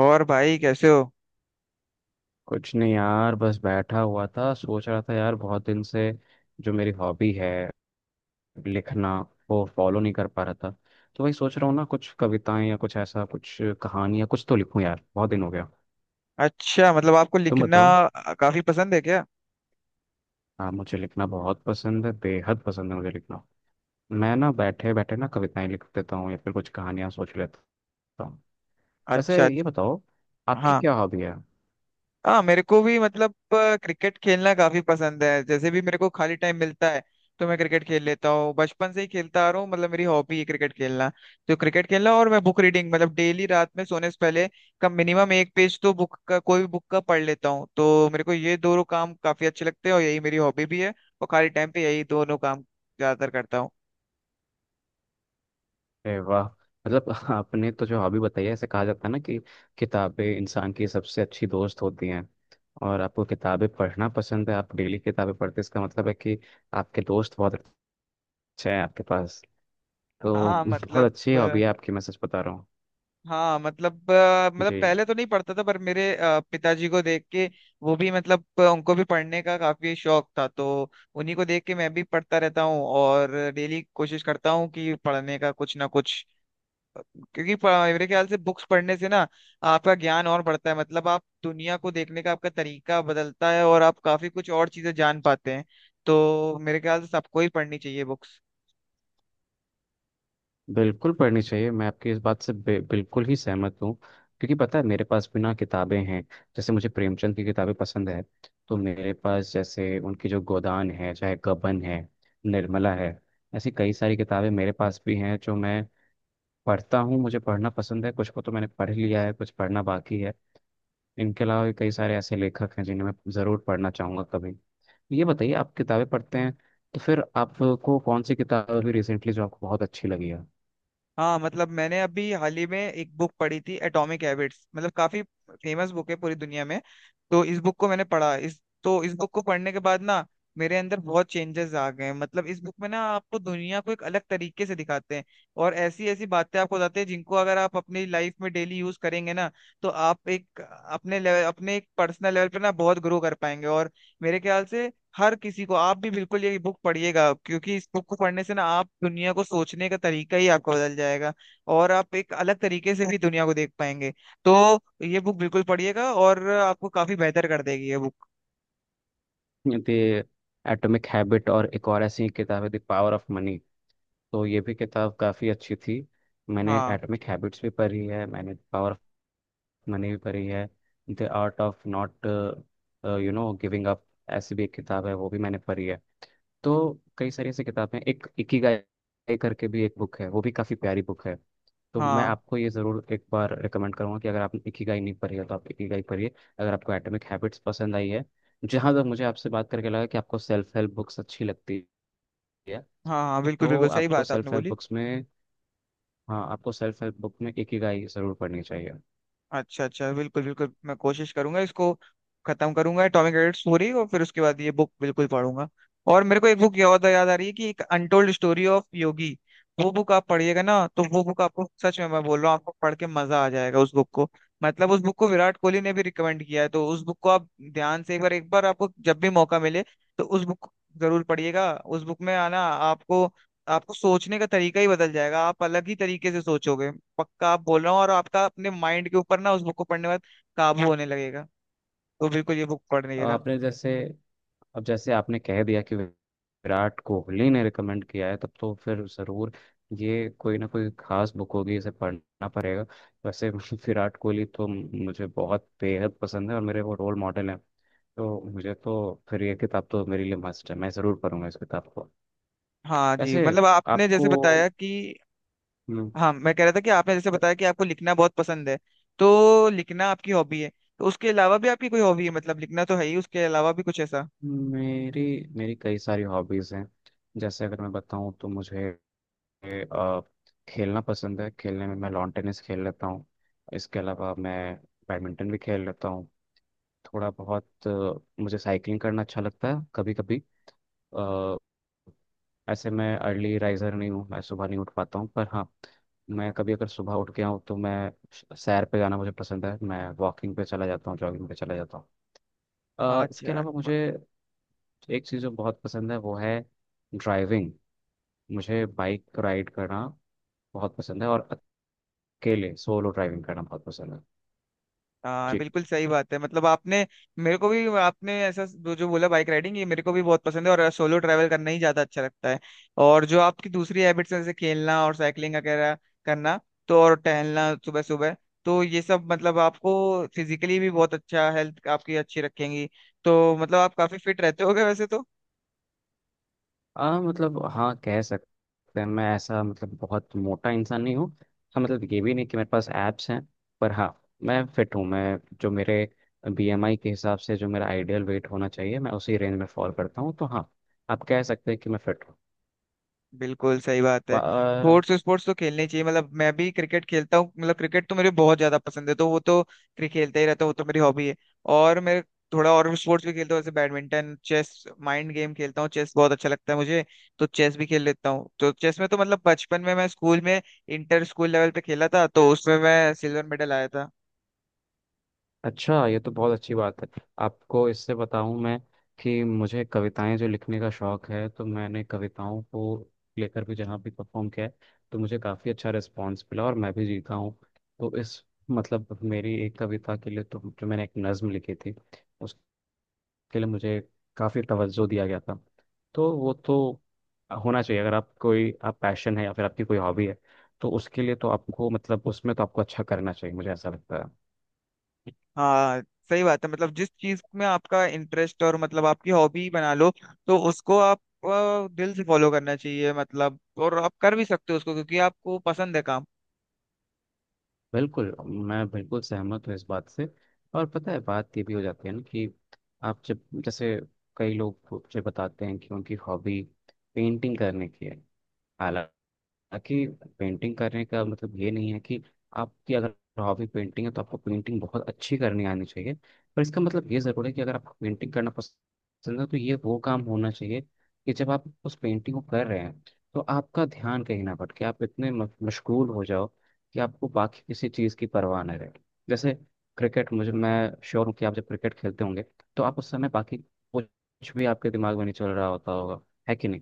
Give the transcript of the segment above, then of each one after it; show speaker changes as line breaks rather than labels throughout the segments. और भाई कैसे हो?
कुछ नहीं यार, बस बैठा हुआ था। सोच रहा था यार, बहुत दिन से जो मेरी हॉबी है, लिखना, वो फॉलो नहीं कर पा रहा था। तो वही सोच रहा हूँ ना, कुछ कविताएं या कुछ ऐसा, कुछ कहानी या कुछ तो लिखूं यार, बहुत दिन हो गया।
अच्छा, मतलब आपको
तुम
लिखना
बताओ।
काफी पसंद है क्या?
हाँ, मुझे लिखना बहुत पसंद है, बेहद पसंद है मुझे लिखना। मैं ना बैठे बैठे ना कविताएं लिख देता हूँ, या फिर कुछ कहानियां सोच लेता हूँ। वैसे
अच्छा
ये
अच्छा।
बताओ, आपकी
हाँ
क्या हॉबी है।
हाँ, मेरे को भी मतलब क्रिकेट खेलना काफी पसंद है। जैसे भी मेरे को खाली टाइम मिलता है तो मैं क्रिकेट खेल लेता हूँ, बचपन से ही खेलता आ रहा हूँ, मतलब मेरी हॉबी है क्रिकेट खेलना। तो क्रिकेट खेलना, और मैं बुक रीडिंग, मतलब डेली रात में सोने से पहले कम मिनिमम एक पेज तो बुक का, कोई भी बुक का पढ़ लेता हूँ। तो मेरे को ये दोनों काम काफी अच्छे लगते हैं और यही मेरी हॉबी भी है। और खाली टाइम पे यही दोनों काम ज्यादातर करता हूँ।
अरे वाह, मतलब आपने तो जो हॉबी बताई है, ऐसे कहा जाता है ना कि किताबें इंसान की सबसे अच्छी दोस्त होती हैं। और आपको किताबें पढ़ना पसंद है, आप डेली किताबें पढ़ते हैं, इसका मतलब है कि आपके दोस्त बहुत अच्छे हैं आपके पास। तो
हाँ
बहुत
मतलब
अच्छी हॉबी है आपकी, मैं सच बता रहा हूँ।
हाँ मतलब मतलब
जी,
पहले तो नहीं पढ़ता था, पर मेरे पिताजी को देख के, वो भी मतलब उनको भी पढ़ने का काफी शौक था, तो उन्हीं को देख के मैं भी पढ़ता रहता हूँ, और डेली कोशिश करता हूँ कि पढ़ने का कुछ ना कुछ, क्योंकि प- मेरे ख्याल से बुक्स पढ़ने से ना आपका ज्ञान और बढ़ता है, मतलब आप दुनिया को देखने का आपका तरीका बदलता है और आप काफी कुछ और चीजें जान पाते हैं। तो मेरे ख्याल से सबको ही पढ़नी चाहिए बुक्स।
बिल्कुल पढ़नी चाहिए। मैं आपकी इस बात से बिल्कुल ही सहमत हूँ, क्योंकि पता है मेरे पास भी ना किताबें हैं। जैसे मुझे प्रेमचंद की किताबें पसंद है, तो मेरे पास जैसे उनकी जो गोदान है, चाहे गबन है, निर्मला है, ऐसी कई सारी किताबें मेरे पास भी हैं, जो मैं पढ़ता हूँ। मुझे पढ़ना पसंद है, कुछ को तो मैंने पढ़ लिया है, कुछ पढ़ना बाकी है। इनके अलावा भी कई सारे ऐसे लेखक हैं जिन्हें मैं ज़रूर पढ़ना चाहूँगा कभी। तो ये बताइए, आप किताबें पढ़ते हैं तो फिर आपको कौन सी किताब अभी रिसेंटली जो आपको बहुत अच्छी लगी है।
हाँ मतलब, मैंने अभी हाल ही में एक बुक पढ़ी थी, एटॉमिक हैबिट्स, मतलब काफी फेमस बुक है पूरी दुनिया में। तो इस बुक को मैंने पढ़ा, इस बुक को पढ़ने के बाद ना मेरे अंदर बहुत चेंजेस आ गए हैं। मतलब इस बुक में ना आपको दुनिया को एक अलग तरीके से दिखाते हैं, और ऐसी ऐसी बातें आपको बताते हैं जिनको अगर आप अपनी लाइफ में डेली यूज करेंगे ना, तो आप एक अपने लेवल अपने एक पर्सनल लेवल पे ना बहुत ग्रो कर पाएंगे। और मेरे ख्याल से हर किसी को, आप भी बिल्कुल ये बुक पढ़िएगा, क्योंकि इस बुक को पढ़ने से ना आप दुनिया को सोचने का तरीका ही आपका बदल जाएगा, और आप एक अलग तरीके से भी दुनिया को देख पाएंगे। तो ये बुक बिल्कुल पढ़िएगा, और आपको काफी बेहतर कर देगी ये बुक।
द एटॉमिक हैबिट और एक और ऐसी किताब है द पावर ऑफ मनी, तो ये भी किताब काफ़ी अच्छी थी। मैंने
हाँ,
एटॉमिक हैबिट्स भी पढ़ी है, मैंने पावर ऑफ मनी भी पढ़ी है। The art of not you know giving up, ऐसी भी एक किताब है, वो भी मैंने पढ़ी है। तो कई सारी ऐसी किताबें, एक इकिगाई करके भी एक बुक है, वो भी काफ़ी प्यारी बुक है। तो मैं
हाँ,
आपको ये ज़रूर एक बार रिकमेंड करूंगा कि अगर आप इकिगाई नहीं पढ़ी है तो आप इकिगाई पढ़िए, अगर आपको एटॉमिक हैबिट्स पसंद आई है। जहाँ तक मुझे आपसे बात करके लगा कि आपको सेल्फ हेल्प बुक्स अच्छी लगती है।
हाँ, हाँ, बिल्कुल
तो
बिल्कुल सही
आपको
बात आपने
सेल्फ हेल्प
बोली।
बुक्स में, हाँ, आपको सेल्फ हेल्प बुक में इकिगाई ज़रूर पढ़नी चाहिए।
अच्छा अच्छा, बिल्कुल बिल्कुल, मैं कोशिश करूंगा इसको खत्म करूंगा, एटॉमिक हैबिट्स पूरी, और फिर उसके बाद ये बुक बिल्कुल पढ़ूंगा। और मेरे को एक बुक याद याद आ रही है, कि एक अनटोल्ड स्टोरी ऑफ योगी, वो बुक आप पढ़िएगा ना, तो वो बुक आपको, सच में मैं बोल रहा हूँ, आपको पढ़ के मजा आ जाएगा उस बुक को। मतलब उस बुक को विराट कोहली ने भी रिकमेंड किया है, तो उस बुक को आप ध्यान से, एक बार, एक बार आपको जब भी मौका मिले, तो उस बुक को जरूर पढ़िएगा। उस बुक में आना आपको आपको सोचने का तरीका ही बदल जाएगा, आप अलग ही तरीके से सोचोगे, पक्का आप बोल रहा हूँ। और आपका अपने माइंड के ऊपर ना, उस बुक को पढ़ने के बाद काबू होने लगेगा, तो बिल्कुल ये बुक
अब
पढ़ने का।
आपने जैसे, अब जैसे आपने कह दिया कि विराट कोहली ने रिकमेंड किया है, तब तो फिर ज़रूर ये कोई ना कोई खास बुक होगी, इसे पढ़ना पड़ेगा। वैसे विराट कोहली तो मुझे बहुत बेहद पसंद है और मेरे वो रोल मॉडल हैं। तो मुझे तो फिर ये किताब तो मेरे लिए मस्ट है, मैं ज़रूर पढ़ूंगा इस किताब को।
हाँ जी,
वैसे
मतलब आपने
आपको
जैसे बताया कि,
हम्म,
हाँ मैं कह रहा था कि आपने जैसे बताया कि आपको लिखना बहुत पसंद है, तो लिखना आपकी हॉबी है, तो उसके अलावा भी आपकी कोई हॉबी है, मतलब लिखना तो है ही, उसके अलावा भी कुछ ऐसा?
मेरी मेरी कई सारी हॉबीज़ हैं। जैसे अगर मैं बताऊं तो मुझे अ, खेलना पसंद है। खेलने में मैं लॉन टेनिस खेल लेता हूँ, इसके अलावा मैं बैडमिंटन भी खेल लेता हूँ। थोड़ा बहुत, मुझे साइकिलिंग करना अच्छा लगता है कभी कभी। ऐसे मैं अर्ली राइजर नहीं हूँ, मैं सुबह नहीं उठ पाता हूँ, पर हाँ, मैं कभी अगर सुबह उठ गया हूँ तो मैं सैर पे जाना मुझे पसंद है। मैं वॉकिंग पे चला जाता हूँ, जॉगिंग पे चला जाता हूँ। इसके
अच्छा।
अलावा मुझे एक चीज़ जो बहुत पसंद है वो है ड्राइविंग। मुझे बाइक राइड करना बहुत पसंद है, और अकेले सोलो ड्राइविंग करना बहुत पसंद है।
हाँ
जी।
बिल्कुल सही बात है, मतलब आपने, मेरे को भी आपने ऐसा जो जो बोला बाइक राइडिंग, ये मेरे को भी बहुत पसंद है, और सोलो ट्रैवल करना ही ज्यादा अच्छा लगता है। और जो आपकी दूसरी हैबिट्स हैं, जैसे खेलना और साइकिलिंग वगैरह करना, तो, और टहलना सुबह सुबह, तो ये सब मतलब आपको फिजिकली भी बहुत अच्छा, हेल्थ आपकी अच्छी रखेंगी। तो मतलब आप काफी फिट रहते होगे वैसे तो।
मतलब हाँ, कह सकते हैं, मैं ऐसा मतलब बहुत मोटा इंसान नहीं हूँ। हाँ मतलब ये भी नहीं कि मेरे पास एब्स हैं, पर हाँ, मैं फिट हूँ। मैं जो मेरे बीएमआई के हिसाब से जो मेरा आइडियल वेट होना चाहिए, मैं उसी रेंज में फॉल करता हूँ। तो हाँ, आप कह सकते हैं कि मैं फिट
बिल्कुल सही बात है,
हूँ।
स्पोर्ट्स स्पोर्ट्स तो खेलने चाहिए, मतलब मैं भी क्रिकेट खेलता हूँ, मतलब क्रिकेट तो मेरे बहुत ज्यादा पसंद है, तो वो तो क्रिकेट खेलता ही रहता हूँ, वो तो मेरी हॉबी है। और मैं थोड़ा और स्पोर्ट्स भी खेलता हूँ, जैसे बैडमिंटन, चेस, माइंड गेम खेलता हूँ, चेस बहुत अच्छा लगता है मुझे, तो चेस भी खेल लेता हूँ। तो चेस में तो मतलब बचपन में मैं स्कूल में, इंटर स्कूल लेवल पे खेला था, तो उसमें मैं सिल्वर मेडल आया था।
अच्छा, ये तो बहुत अच्छी बात है। आपको इससे बताऊं मैं, कि मुझे कविताएं जो लिखने का शौक है, तो मैंने कविताओं को लेकर भी जहाँ भी परफॉर्म किया है, तो मुझे काफ़ी अच्छा रिस्पॉन्स मिला और मैं भी जीता हूँ। तो इस, मतलब मेरी एक कविता के लिए, तो जो मैंने एक नज़म लिखी थी, उसके लिए मुझे काफ़ी तवज्जो दिया गया था। तो वो तो होना चाहिए, अगर आप कोई आप पैशन है या फिर आपकी कोई हॉबी है तो उसके लिए तो आपको, मतलब उसमें तो आपको अच्छा करना चाहिए, मुझे ऐसा लगता है।
हाँ सही बात है, मतलब जिस चीज में आपका इंटरेस्ट, और मतलब आपकी हॉबी बना लो, तो उसको आप दिल से फॉलो करना चाहिए, मतलब, और आप कर भी सकते हो उसको, क्योंकि आपको पसंद है काम।
बिल्कुल, मैं बिल्कुल सहमत हूँ इस बात से। और पता है बात ये भी हो जाती है ना कि आप जब, जैसे कई लोग मुझे बताते हैं कि उनकी हॉबी पेंटिंग करने की है। ताकि पेंटिंग करने का मतलब ये नहीं है कि आपकी अगर हॉबी पेंटिंग है तो आपको पेंटिंग बहुत अच्छी करनी आनी चाहिए। पर इसका मतलब ये ज़रूर है कि अगर आपको पेंटिंग करना पसंद है तो ये वो काम होना चाहिए कि जब आप उस पेंटिंग को कर रहे हैं तो आपका ध्यान कहीं ना भटके, आप इतने मशगूल हो जाओ कि आपको बाकी किसी चीज़ की परवाह न रहे। जैसे क्रिकेट, मुझे, मैं श्योर हूँ कि आप जब क्रिकेट खेलते होंगे तो आप उस समय बाकी कुछ भी आपके दिमाग में नहीं चल रहा होता होगा, है कि नहीं।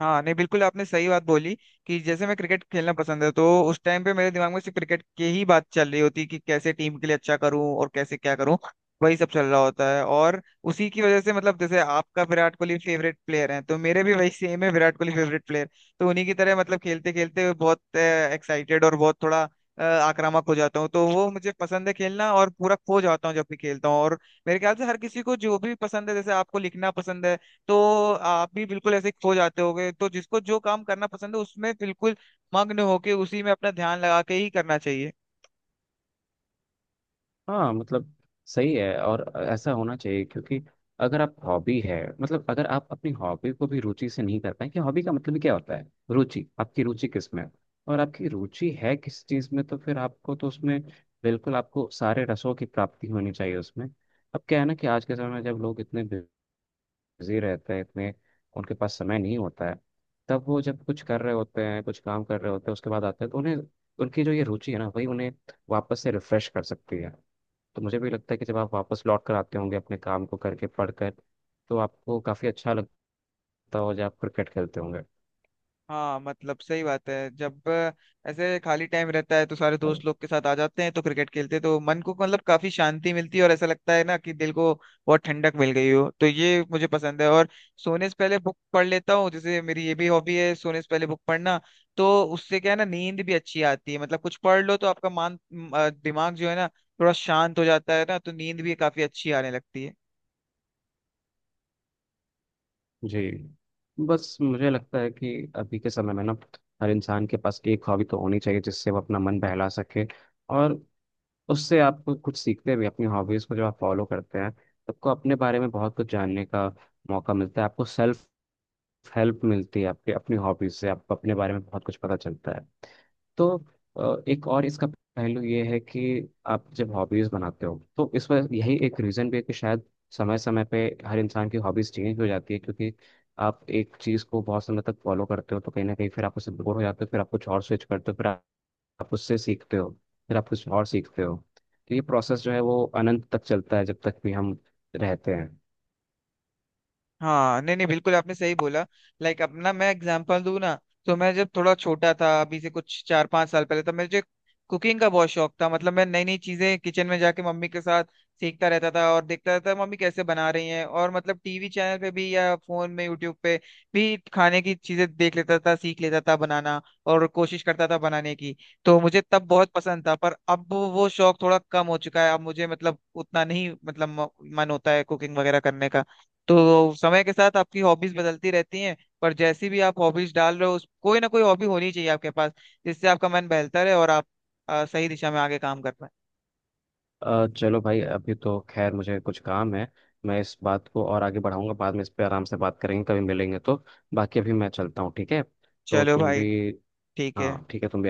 हाँ नहीं, बिल्कुल आपने सही बात बोली, कि जैसे मैं क्रिकेट खेलना पसंद है, तो उस टाइम पे मेरे दिमाग में सिर्फ क्रिकेट की ही बात चल रही होती, कि कैसे टीम के लिए अच्छा करूं और कैसे क्या करूं, वही सब चल रहा होता है। और उसी की वजह से मतलब जैसे आपका विराट कोहली फेवरेट प्लेयर हैं, तो मेरे भी वही सेम है, विराट कोहली फेवरेट प्लेयर। तो उन्हीं की तरह मतलब, खेलते खेलते बहुत एक्साइटेड और बहुत थोड़ा आक्रामक हो जाता हूँ, तो वो मुझे पसंद है खेलना, और पूरा खो जाता हूँ जब भी खेलता हूँ। और मेरे ख्याल से हर किसी को जो भी पसंद है, जैसे आपको लिखना पसंद है, तो आप भी बिल्कुल ऐसे खो जाते होगे, तो जिसको जो काम करना पसंद है उसमें बिल्कुल मग्न होके उसी में अपना ध्यान लगा के ही करना चाहिए।
हाँ, मतलब सही है, और ऐसा होना चाहिए, क्योंकि अगर आप हॉबी है, मतलब अगर आप अपनी हॉबी को भी रुचि से नहीं कर पाए, कि हॉबी का मतलब ही क्या होता है, रुचि, आपकी रुचि किस में है? और आपकी रुचि है किस चीज़ में, तो फिर आपको तो उसमें बिल्कुल आपको सारे रसों की प्राप्ति होनी चाहिए उसमें। अब क्या है ना कि आज के समय में जब लोग इतने बिजी रहते हैं, इतने, उनके पास समय नहीं होता है, तब वो जब कुछ कर रहे होते हैं, कुछ काम कर रहे होते हैं, उसके बाद आते हैं, तो उन्हें उनकी जो ये रुचि है ना वही उन्हें वापस से रिफ्रेश कर सकती है। तो मुझे भी लगता है कि जब आप वापस लौट कर आते होंगे अपने काम को करके, पढ़कर, तो आपको काफ़ी अच्छा लगता हो जब आप क्रिकेट खेलते होंगे।
हाँ मतलब सही बात है, जब ऐसे खाली टाइम रहता है तो सारे दोस्त लोग के साथ आ जाते हैं, तो क्रिकेट खेलते हैं, तो मन को मतलब काफी शांति मिलती है, और ऐसा लगता है ना कि दिल को बहुत ठंडक मिल गई हो, तो ये मुझे पसंद है। और सोने से पहले बुक पढ़ लेता हूँ, जैसे मेरी ये भी हॉबी है सोने से पहले बुक पढ़ना, तो उससे क्या है ना, नींद भी अच्छी आती है, मतलब कुछ पढ़ लो तो आपका दिमाग जो है ना थोड़ा शांत हो जाता है ना, तो नींद भी काफी अच्छी आने लगती है।
जी। बस मुझे लगता है कि अभी के समय में ना हर इंसान के पास एक हॉबी तो होनी चाहिए जिससे वो अपना मन बहला सके। और उससे आप कुछ सीखते भी, अपनी हॉबीज़ को जब आप फॉलो करते हैं तो आपको अपने बारे में बहुत कुछ जानने का मौका मिलता है। आपको सेल्फ हेल्प मिलती है, आपके अपनी हॉबीज से आपको अपने बारे में बहुत कुछ पता चलता है। तो एक और इसका पहलू ये है कि आप जब हॉबीज बनाते हो तो इस वजह यही एक रीजन भी है कि शायद समय समय पे हर इंसान की हॉबीज चेंज हो जाती है। क्योंकि आप एक चीज को बहुत समय तक फॉलो करते हो तो कहीं ना कहीं फिर आप उससे बोर हो जाते हो, फिर आप कुछ और स्विच करते हो, फिर आप उससे सीखते हो, फिर आप कुछ और सीखते हो। तो ये प्रोसेस जो है वो अनंत तक चलता है, जब तक भी हम रहते हैं।
हाँ नहीं नहीं, बिल्कुल आपने सही बोला। लाइक अपना मैं एग्जांपल दूं ना, तो मैं जब थोड़ा छोटा था, अभी से कुछ 4-5 साल पहले, तो मुझे कुकिंग का बहुत शौक था। मतलब मैं नई नई चीजें किचन में जाके मम्मी के साथ सीखता रहता था और देखता रहता था मम्मी कैसे बना रही हैं, और मतलब टीवी चैनल पे भी या फोन में यूट्यूब पे भी खाने की चीजें देख लेता था, सीख लेता था बनाना, और कोशिश करता था बनाने की। तो मुझे तब बहुत पसंद था, पर अब वो शौक थोड़ा कम हो चुका है, अब मुझे मतलब उतना नहीं, मतलब मन होता है कुकिंग वगैरह करने का। तो समय के साथ आपकी हॉबीज बदलती रहती हैं, पर जैसी भी आप हॉबीज डाल रहे हो, उस कोई ना कोई हॉबी होनी चाहिए आपके पास, जिससे आपका मन बहलता रहे, और आप सही दिशा में आगे काम कर पाए।
चलो भाई, अभी तो खैर मुझे कुछ काम है। मैं इस बात को और आगे बढ़ाऊंगा, बाद में इस पे आराम से बात करेंगे, कभी मिलेंगे तो। बाकी अभी मैं चलता हूँ, ठीक है। तो
चलो
तुम
भाई,
भी,
ठीक है,
हाँ ठीक है, तुम भी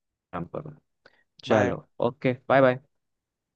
आराम करो।
बाय।
चलो, ओके बाय बाय।